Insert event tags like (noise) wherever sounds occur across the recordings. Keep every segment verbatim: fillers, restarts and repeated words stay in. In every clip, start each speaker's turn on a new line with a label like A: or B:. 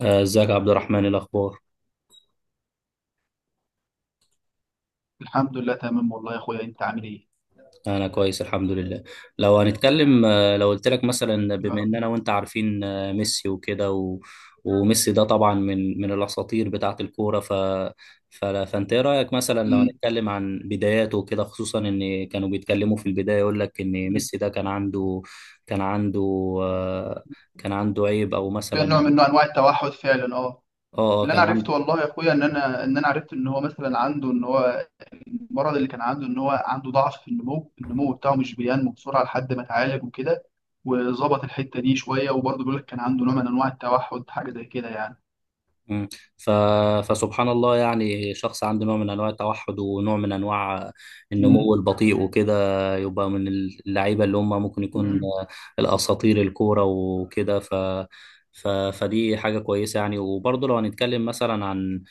A: آه، ازيك يا عبد الرحمن، إيه الاخبار؟
B: الحمد لله، تمام والله يا اخويا. انت عامل ايه؟
A: انا كويس الحمد لله. لو هنتكلم، آه، لو قلت لك مثلا،
B: يا
A: بما ان
B: رب.
A: انا وانت عارفين آه، ميسي وكده، و... وميسي ده طبعا من من الاساطير بتاعه الكوره. ف... ف... فانت ايه رايك مثلا لو
B: أمم،
A: هنتكلم عن بداياته وكده، خصوصا ان كانوا بيتكلموا في البدايه يقول لك ان
B: أمم.
A: ميسي ده كان عنده. كان عنده آه، كان عنده عيب او
B: في
A: مثلا.
B: نوع من نوع انواع التوحد فعلا اه.
A: اه. آه،
B: اللي انا
A: كان
B: عرفته
A: عنده.
B: والله يا اخويا ان انا ان انا عرفت ان هو مثلا عنده، ان هو المرض اللي كان عنده، ان هو عنده ضعف في النمو النمو بتاعه، مش بينمو بسرعه لحد ما اتعالج وكده، وظبط الحته دي شويه. وبرضه بيقول لك كان عنده نوع من انواع التوحد، حاجه زي كده يعني.
A: مم. ف... فسبحان الله، يعني شخص عنده نوع من انواع التوحد ونوع من انواع
B: أمم،
A: النمو البطيء وكده، يبقى من اللعيبه اللي هم ممكن
B: أمم،
A: يكون
B: أمم.
A: الاساطير الكوره وكده. ف... ف... فدي حاجه كويسه يعني. وبرضه لو هنتكلم مثلا عن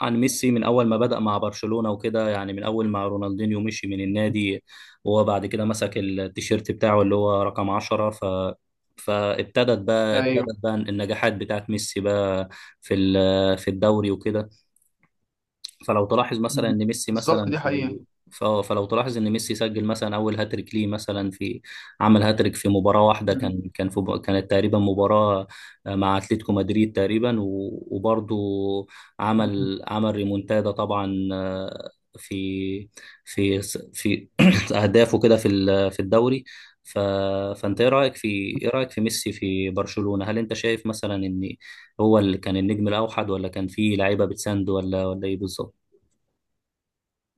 A: عن ميسي من اول ما بدأ مع برشلونة وكده، يعني من اول ما رونالدينيو مشي من النادي، وهو بعد كده مسك التيشيرت بتاعه اللي هو رقم عشرة. ف فابتدت بقى،
B: ايوه.
A: ابتدت بقى النجاحات بتاعت ميسي بقى في ال- في الدوري وكده. فلو تلاحظ مثلا
B: أمم.
A: ان ميسي
B: بالظبط،
A: مثلا
B: دي حقيقه.
A: في، ف- آه، فلو تلاحظ ان ميسي سجل مثلا اول هاتريك ليه مثلا في، عمل هاتريك في مباراه واحده، كان كان في كانت تقريبا مباراه آه، مع اتلتيكو مدريد تقريبا، و- وبرضه
B: أمم.
A: عمل عمل ريمونتادا طبعا. آه، في في في (coughs) (clears throat) اهدافه كده في ال- في الدوري. ف... فانت ايه رايك في، ايه رايك في ميسي في برشلونه؟ هل انت شايف مثلا ان هو اللي كان النجم الاوحد، ولا كان في لعيبه بتساند، ولا ولا ايه بالظبط؟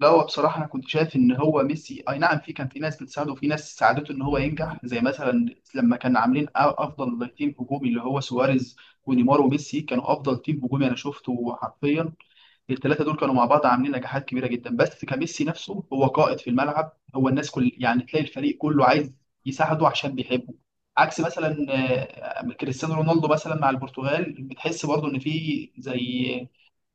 B: لا، هو بصراحة أنا كنت شايف إن هو ميسي أي نعم، في كان في ناس بتساعده وفي ناس ساعدته إن هو ينجح، زي مثلا لما كان عاملين أ- أفضل تيم هجومي اللي هو سواريز ونيمار وميسي، كانوا أفضل تيم هجومي. أنا شفته حرفيا الثلاثه دول كانوا مع بعض عاملين نجاحات كبيره جدا. بس كميسي نفسه هو قائد في الملعب، هو الناس كل يعني تلاقي الفريق كله عايز يساعده عشان بيحبه. عكس مثلا آه، كريستيانو رونالدو مثلا مع البرتغال، بتحس برضه ان في زي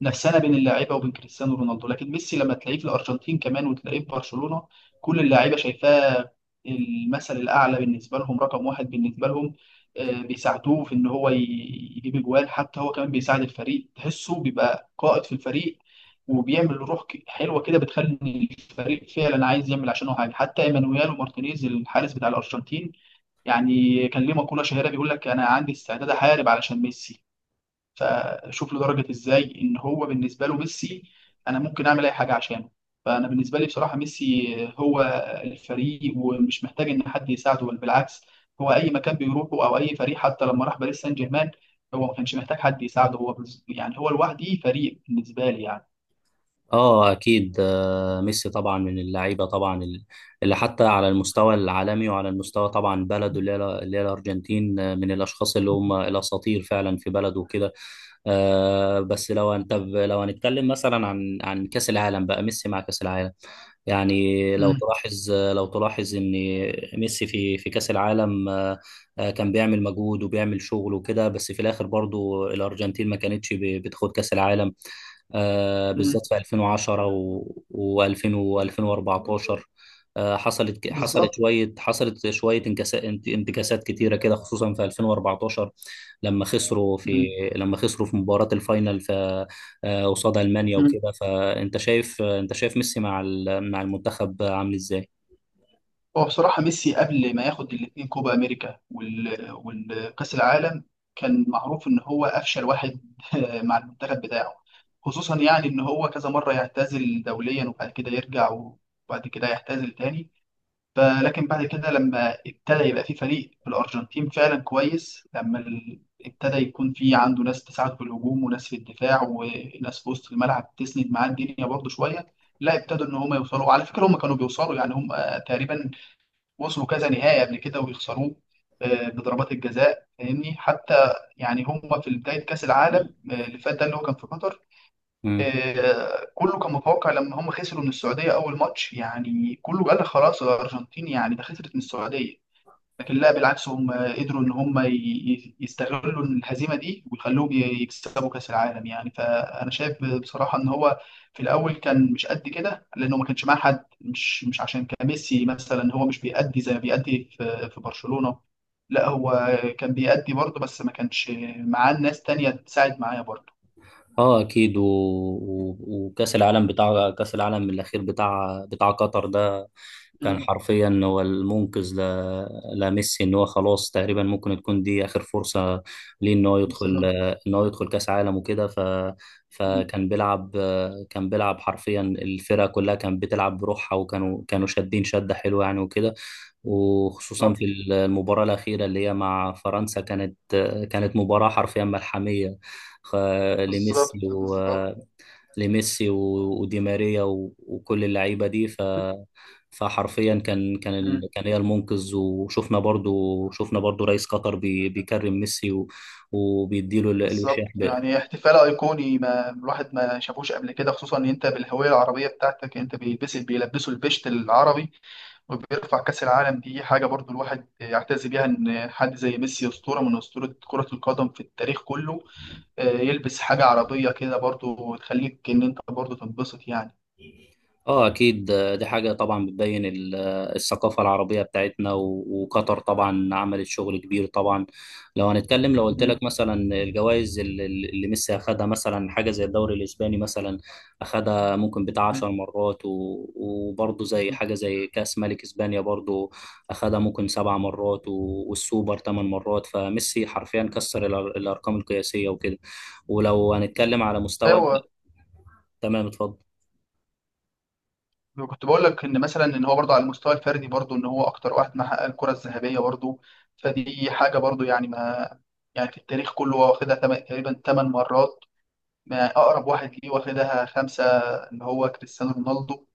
B: نفسنا بين اللاعيبه وبين كريستيانو رونالدو. لكن ميسي لما تلاقيه في الارجنتين كمان وتلاقيه في برشلونه، كل اللاعيبه شايفاه المثل الاعلى بالنسبه لهم، رقم واحد بالنسبه لهم. آه، بيساعدوه في ان هو ي- يجيب اجوان. حتى هو كمان بيساعد الفريق، تحسه بيبقى قائد في الفريق، وبيعمل روح ك- حلوه كده بتخلي الفريق فعلا عايز يعمل عشانه حاجه. حتى ايمانويل مارتينيز الحارس بتاع الارجنتين يعني كان ليه مقوله شهيره بيقول لك انا عندي استعداد احارب علشان ميسي. فشوف له درجه ازاي ان هو بالنسبه له ميسي، انا ممكن اعمل اي حاجه عشانه. فانا بالنسبه لي بصراحه ميسي هو الفريق، ومش محتاج ان حد يساعده، بل بالعكس، هو اي مكان بيروحه او اي فريق، حتى لما راح باريس سان جيرمان، هو ما كانش محتاج حد يساعده. هو بز- يعني هو لوحده فريق بالنسبه لي يعني.
A: اه اكيد. آه، ميسي طبعا من اللعيبه طبعا، ال- اللي حتى على المستوى العالمي، وعلى المستوى طبعا بلده اللي هي اللي هي الارجنتين، آه، من الاشخاص اللي هم الاساطير فعلا في بلده وكده. آه، بس لو انت ب- لو هنتكلم مثلا عن عن كاس العالم بقى، ميسي مع كاس العالم يعني. لو
B: امم،
A: تلاحظ لو تلاحظ ان ميسي في، في كاس العالم آه، آه، كان بيعمل مجهود وبيعمل شغل وكده، بس في الاخر برضو الارجنتين ما كانتش ب- بتاخد كاس العالم آه،
B: امم.
A: بالذات في ألفين وعشرة و2000 و2014. حصلت ك- حصلت
B: بالظبط.
A: شويه حصلت شويه انكسا- انت- انتكاسات كتيره كده، خصوصا في ألفين وأربعتاشر، لما خسروا في
B: امم.
A: لما خسروا في مباراه الفاينل في، آه، قصاد المانيا وكده. فانت شايف، آه، انت شايف ميسي مع ال- مع المنتخب عامل ازاي؟
B: هو بصراحة ميسي قبل ما ياخد الاتنين، كوبا أمريكا وال... والكأس العالم، كان معروف إن هو أفشل واحد (laughs) مع المنتخب بتاعه، خصوصا يعني إن هو كذا مرة يعتزل دوليا وبعد كده يرجع، وبعد كده يعتزل تاني. فلكن بعد كده لما ابتدى يبقى في فريق في الأرجنتين فعلا كويس، لما ال- ابتدى يكون في عنده ناس تساعد في الهجوم وناس في الدفاع وناس في وسط الملعب تسند معاه الدنيا برضه شوية، لا ابتدوا ان هم يوصلوا. على فكره هم كانوا بيوصلوا يعني، هم تقريبا وصلوا كذا نهائي قبل كده ويخسروه، آه، بضربات الجزاء، فاهمني. حتى يعني هم في بداية كأس العالم آه، اللي فات ده، اللي هو كان في قطر، آه، كله كان متوقع لما هم خسروا من السعودية أول ماتش، يعني كله قال لك خلاص الأرجنتين يعني ده خسرت من السعودية. لكن لا، بالعكس، هم قدروا ان هم ي- ي- يستغلوا الهزيمه دي ويخلوهم ي- يكسبوا كاس العالم يعني. فانا شايف بصراحه ان هو في الاول كان مش قد كده لانه ما كانش معاه حد. مش مش عشان كان ميسي مثلا هو مش بيأدي زي ما بيأدي في في برشلونه، لا، هو كان بيأدي برضه، بس ما كانش معاه ناس تانية تساعد معايا برضه.
A: اه اكيد. و... و... وكاس العالم، بتاع كاس العالم الاخير بتاع بتاع قطر ده، كان
B: مم،
A: حرفيا هو المنقذ ل... لميسي. ان هو خلاص تقريبا ممكن تكون دي اخر فرصه ليه ان هو يدخل،
B: بالظبط.
A: ان هو يدخل كاس عالم وكده. ف...
B: مم،
A: فكان بيلعب، كان بيلعب حرفيا. الفرقه كلها كانت بتلعب بروحها، وكانوا كانوا شادين شده حلوه يعني وكده. وخصوصا في المباراة الأخيرة اللي هي مع فرنسا، كانت، كانت مباراة حرفيا ملحمية خ-
B: بالظبط.
A: لميسي، و
B: بالظبط.
A: لميسي و- ودي ماريا، و- وكل اللعيبه دي. ف
B: بالظبط.
A: فحرفيا كان كان ال... كان هي المنقذ. وشفنا برضو، شفنا برضو رئيس قطر بي... بيكرم ميسي، و... وبيديله ال- الوشاح.
B: بالظبط، يعني احتفال ايقوني ما الواحد ما شافوش قبل كده، خصوصا ان انت بالهويه العربيه بتاعتك انت، بيلبس بيلبسوا البشت العربي وبيرفع كاس العالم. دي حاجه برضو الواحد يعتز بيها، ان حد زي ميسي، اسطوره من اسطوره كره القدم في التاريخ كله، آه، يلبس حاجه عربيه كده برضو، وتخليك ان انت برضو تنبسط يعني.
A: اه اكيد. آه، دي حاجه طبعا بتبين ال- آه، الثقافه العربيه بتاعتنا. و- وقطر طبعا عملت شغل كبير طبعا. لو هنتكلم، لو قلت
B: م-
A: لك مثلا، الجوائز اللي اللي ميسي اخدها، مثلا حاجه زي الدوري الاسباني مثلا اخدها ممكن بتاع
B: م-
A: 10 مرات، و- وبرضه زي
B: م.
A: حاجه زي كاس ملك اسبانيا برضه اخدها ممكن سبع مرات، و- والسوبر ثمان مرات. فميسي حرفيا كسر الأر- الارقام القياسيه وكده. ولو هنتكلم على مستوى.
B: ايوه،
A: تمام اتفضل.
B: كنت بقول لك ان مثلا ان هو برضه على المستوى الفردي برضه ان هو اكتر واحد محقق الكره الذهبيه برضه. فدي حاجه برضه يعني، ما يعني في التاريخ كله هو واخدها تم- تقريبا ثمان مرات. ما اقرب واحد ليه واخدها خمسه، اللي هو كريستيانو رونالدو.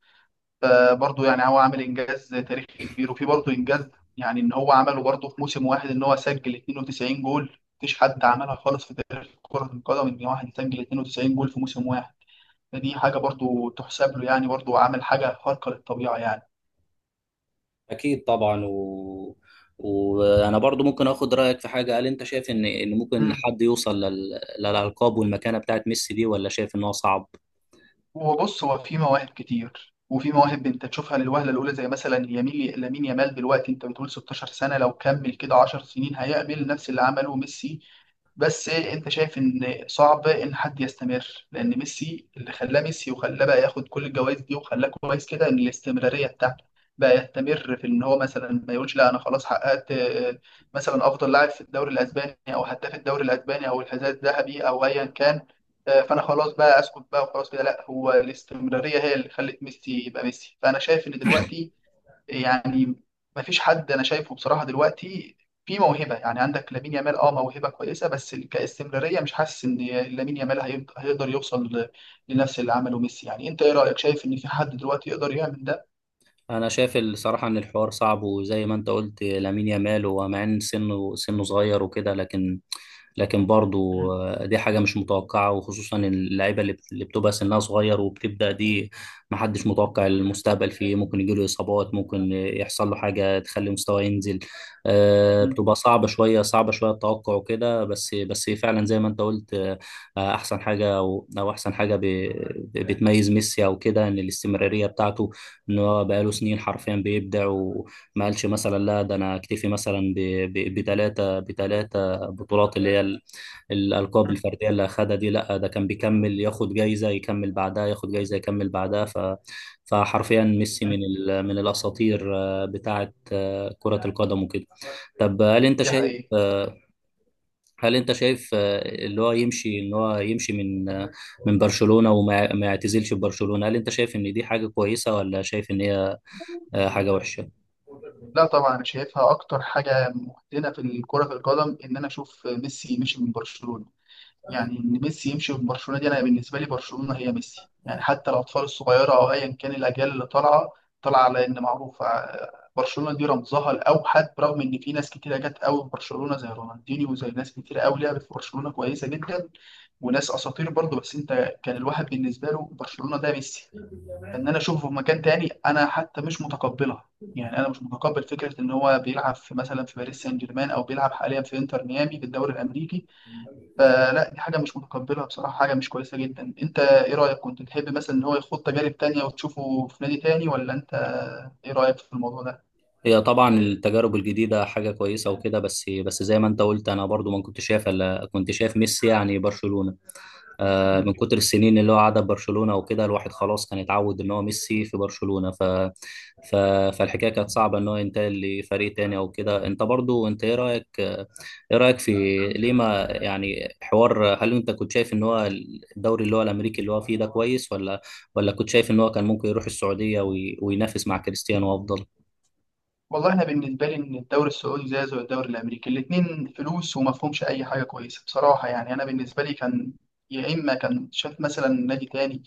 B: فبرضه يعني هو عامل انجاز تاريخي كبير. وفي برضه انجاز يعني ان هو عمله برضه في موسم واحد، ان هو سجل اثنين وتسعين جول. مفيش حد عملها خالص في تاريخ كره القدم ان واحد يسجل تنين وتسعين جول في موسم واحد. فدي حاجه برضه تحسب له يعني، برضه عمل حاجه خارقه للطبيعه يعني.
A: اكيد طبعا. و... وانا برضو ممكن اخد رايك في حاجه. هل انت شايف ان ان ممكن
B: مم.
A: حد يوصل لل... للالقاب والمكانه بتاعت ميسي دي، ولا شايف ان هو صعب؟
B: وبص، هو في مواهب كتير، وفي مواهب انت تشوفها للوهله الاولى، زي مثلا يميل لامين يامال دلوقتي. انت بتقول ستاشر سنه، لو كمل كده عشر سنين هيعمل نفس اللي عمله ميسي. بس انت شايف ان صعب ان حد يستمر، لان ميسي اللي خلاه ميسي وخلاه بقى ياخد كل الجوائز دي وخلاه كويس كده ان الاستمراريه بتاعته، بقى يستمر في ان هو مثلا ما يقولش لا انا خلاص حققت، آه، مثلا افضل لاعب في الدوري الاسباني او هداف الدوري الاسباني او الحذاء الذهبي او ايا كان، آه، فانا خلاص بقى اسكت بقى وخلاص كده. لا، هو الاستمراريه هي اللي خلت ميسي يبقى ميسي. فانا شايف ان دلوقتي يعني ما فيش حد انا شايفه بصراحه دلوقتي في موهبه، يعني عندك لامين يامال اه موهبه كويسه، بس كاستمراريه مش حاسس ان لامين يامال هيقد- هيقدر يوصل ل- لنفس اللي عمله ميسي يعني. انت ايه رايك، شايف ان في حد دلوقتي يقدر يعمل ده؟
A: انا شايف الصراحه ان الحوار صعب، وزي ما انت قلت لامين يامال، ومع ان سنه سنه صغير وكده، لكن، لكن برضه
B: مم.
A: دي حاجه مش متوقعه، وخصوصا اللعيبه اللي بت- اللي بتبقى سنها صغير وبتبدا دي. محدش متوقع المستقبل فيه، ممكن يجيله اصابات، ممكن يحصل له حاجه تخلي مستواه ينزل. آه،
B: مم.
A: بتبقى صعبه شويه، صعبه شويه التوقع وكده، بس، بس فعلا زي ما انت قلت. آه، احسن حاجه، او أو احسن حاجه ب- بتميز ميسي او كده، ان الاستمراريه بتاعته. ان هو بقاله سنين حرفيا بيبدع، وما قالش مثلا لا ده انا اكتفي مثلا بثلاثه بثلاثه بطولات اللي هي ال- الالقاب
B: مم.
A: الفرديه اللي اخدها دي. لا ده كان بيكمل ياخد جايزه، يكمل بعدها ياخد جايزه، يكمل بعدها. ف فحرفيا ميسي من
B: مم.
A: ال... من الاساطير آه، بتاعه آه، كره القدم وكده. طب هل انت
B: دي
A: شايف،
B: حقيقة.
A: آه، هل انت شايف آه، اللي هو يمشي، ان هو يمشي من، آه، من برشلونه، وما ما يعتزلش ببرشلونه، هل انت شايف ان دي حاجه كويسه، ولا شايف ان هي آه، حاجة وحشة؟
B: لا طبعا، انا شايفها اكتر حاجه مهدنه في الكره في القدم، ان انا اشوف ميسي مشي من برشلونه. يعني ان ميسي يمشي من برشلونه دي، انا بالنسبه لي برشلونه هي ميسي. يعني حتى الاطفال الصغيره او ايا كان الاجيال اللي طالعه طالعه على ان معروفه برشلونه دي رمزها الاوحد، برغم ان في ناس كتيره جت قوي في برشلونه زي رونالدينيو وزي ناس كتير قوي لعبت في برشلونه كويسه جدا، وناس اساطير برضه. بس انت كان الواحد بالنسبه له برشلونه ده ميسي. فان انا اشوفه في مكان تاني انا حتى مش متقبلها. يعني انا مش متقبل فكره ان هو بيلعب في مثلا في باريس سان جيرمان، او بيلعب حاليا في انتر ميامي في الدوري الامريكي. فلا، دي حاجة مش متقبلها بصراحة، حاجة مش كويسة جدا. انت ايه رأيك، كنت تحب مثلا ان هو يخوض تجارب تانية وتشوفه في نادي تاني، ولا انت ايه رأيك في الموضوع ده؟
A: هي طبعا التجارب الجديدة حاجة كويسة وكده. بس، بس زي ما انت قلت، انا برضو ما كنت شايف الا كنت شايف ميسي يعني برشلونة. آه،
B: مم.
A: من كتر السنين اللي هو قعدها في برشلونة وكده، الواحد خلاص كان اتعود ان هو ميسي في برشلونة. ف... ف... فالحكاية كانت صعبة ان هو ينتقل لفريق تاني او كده. انت برضو انت ايه رأيك ايه رأيك في، ليه ما يعني حوار. هل انت كنت شايف ان هو الدوري اللي هو الامريكي اللي هو فيه ده كويس، ولا، ولا كنت شايف ان هو كان ممكن يروح السعودية وي... وينافس مع كريستيانو افضل؟
B: والله انا بالنسبة لي ان الدوري السعودي زي زي الدوري الامريكي، الاتنين فلوس، وما فيهمش اي حاجة كويسة بصراحة. يعني انا بالنسبة لي كان يا اما كان شاف مثلا نادي تاني،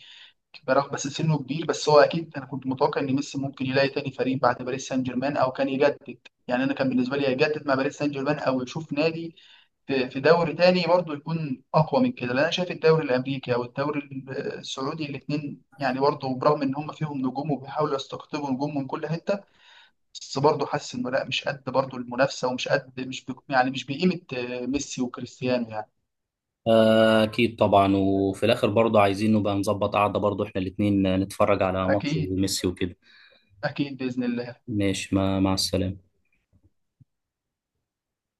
B: برغم بس سنه كبير، بس هو اكيد انا كنت متوقع ان ميسي ممكن يلاقي تاني فريق بعد باريس سان جيرمان، او كان يجدد. يعني انا كان بالنسبه لي يجدد مع باريس سان جيرمان، او يشوف نادي في في دوري تاني برضو، يكون اقوى من كده. لان انا شايف الدوري الامريكي او الدوري ال- السعودي، الاثنين يعني برضو برغم ان هم فيهم نجوم وبيحاولوا يستقطبوا نجوم من كل حته، بس برضو حاسس انه لا، مش قد برضو المنافسه، ومش قد، مش بي يعني، مش بقيمه آه، ميسي وكريستيانو يعني.
A: آه، أكيد طبعا. وفي الآخر برضه عايزين نبقى نظبط قعدة برضه إحنا الاتنين نتفرج على ماتش
B: اكيد.
A: ميسي وكده.
B: اكيد باذن الله.
A: ماشي، ما مع السلامة.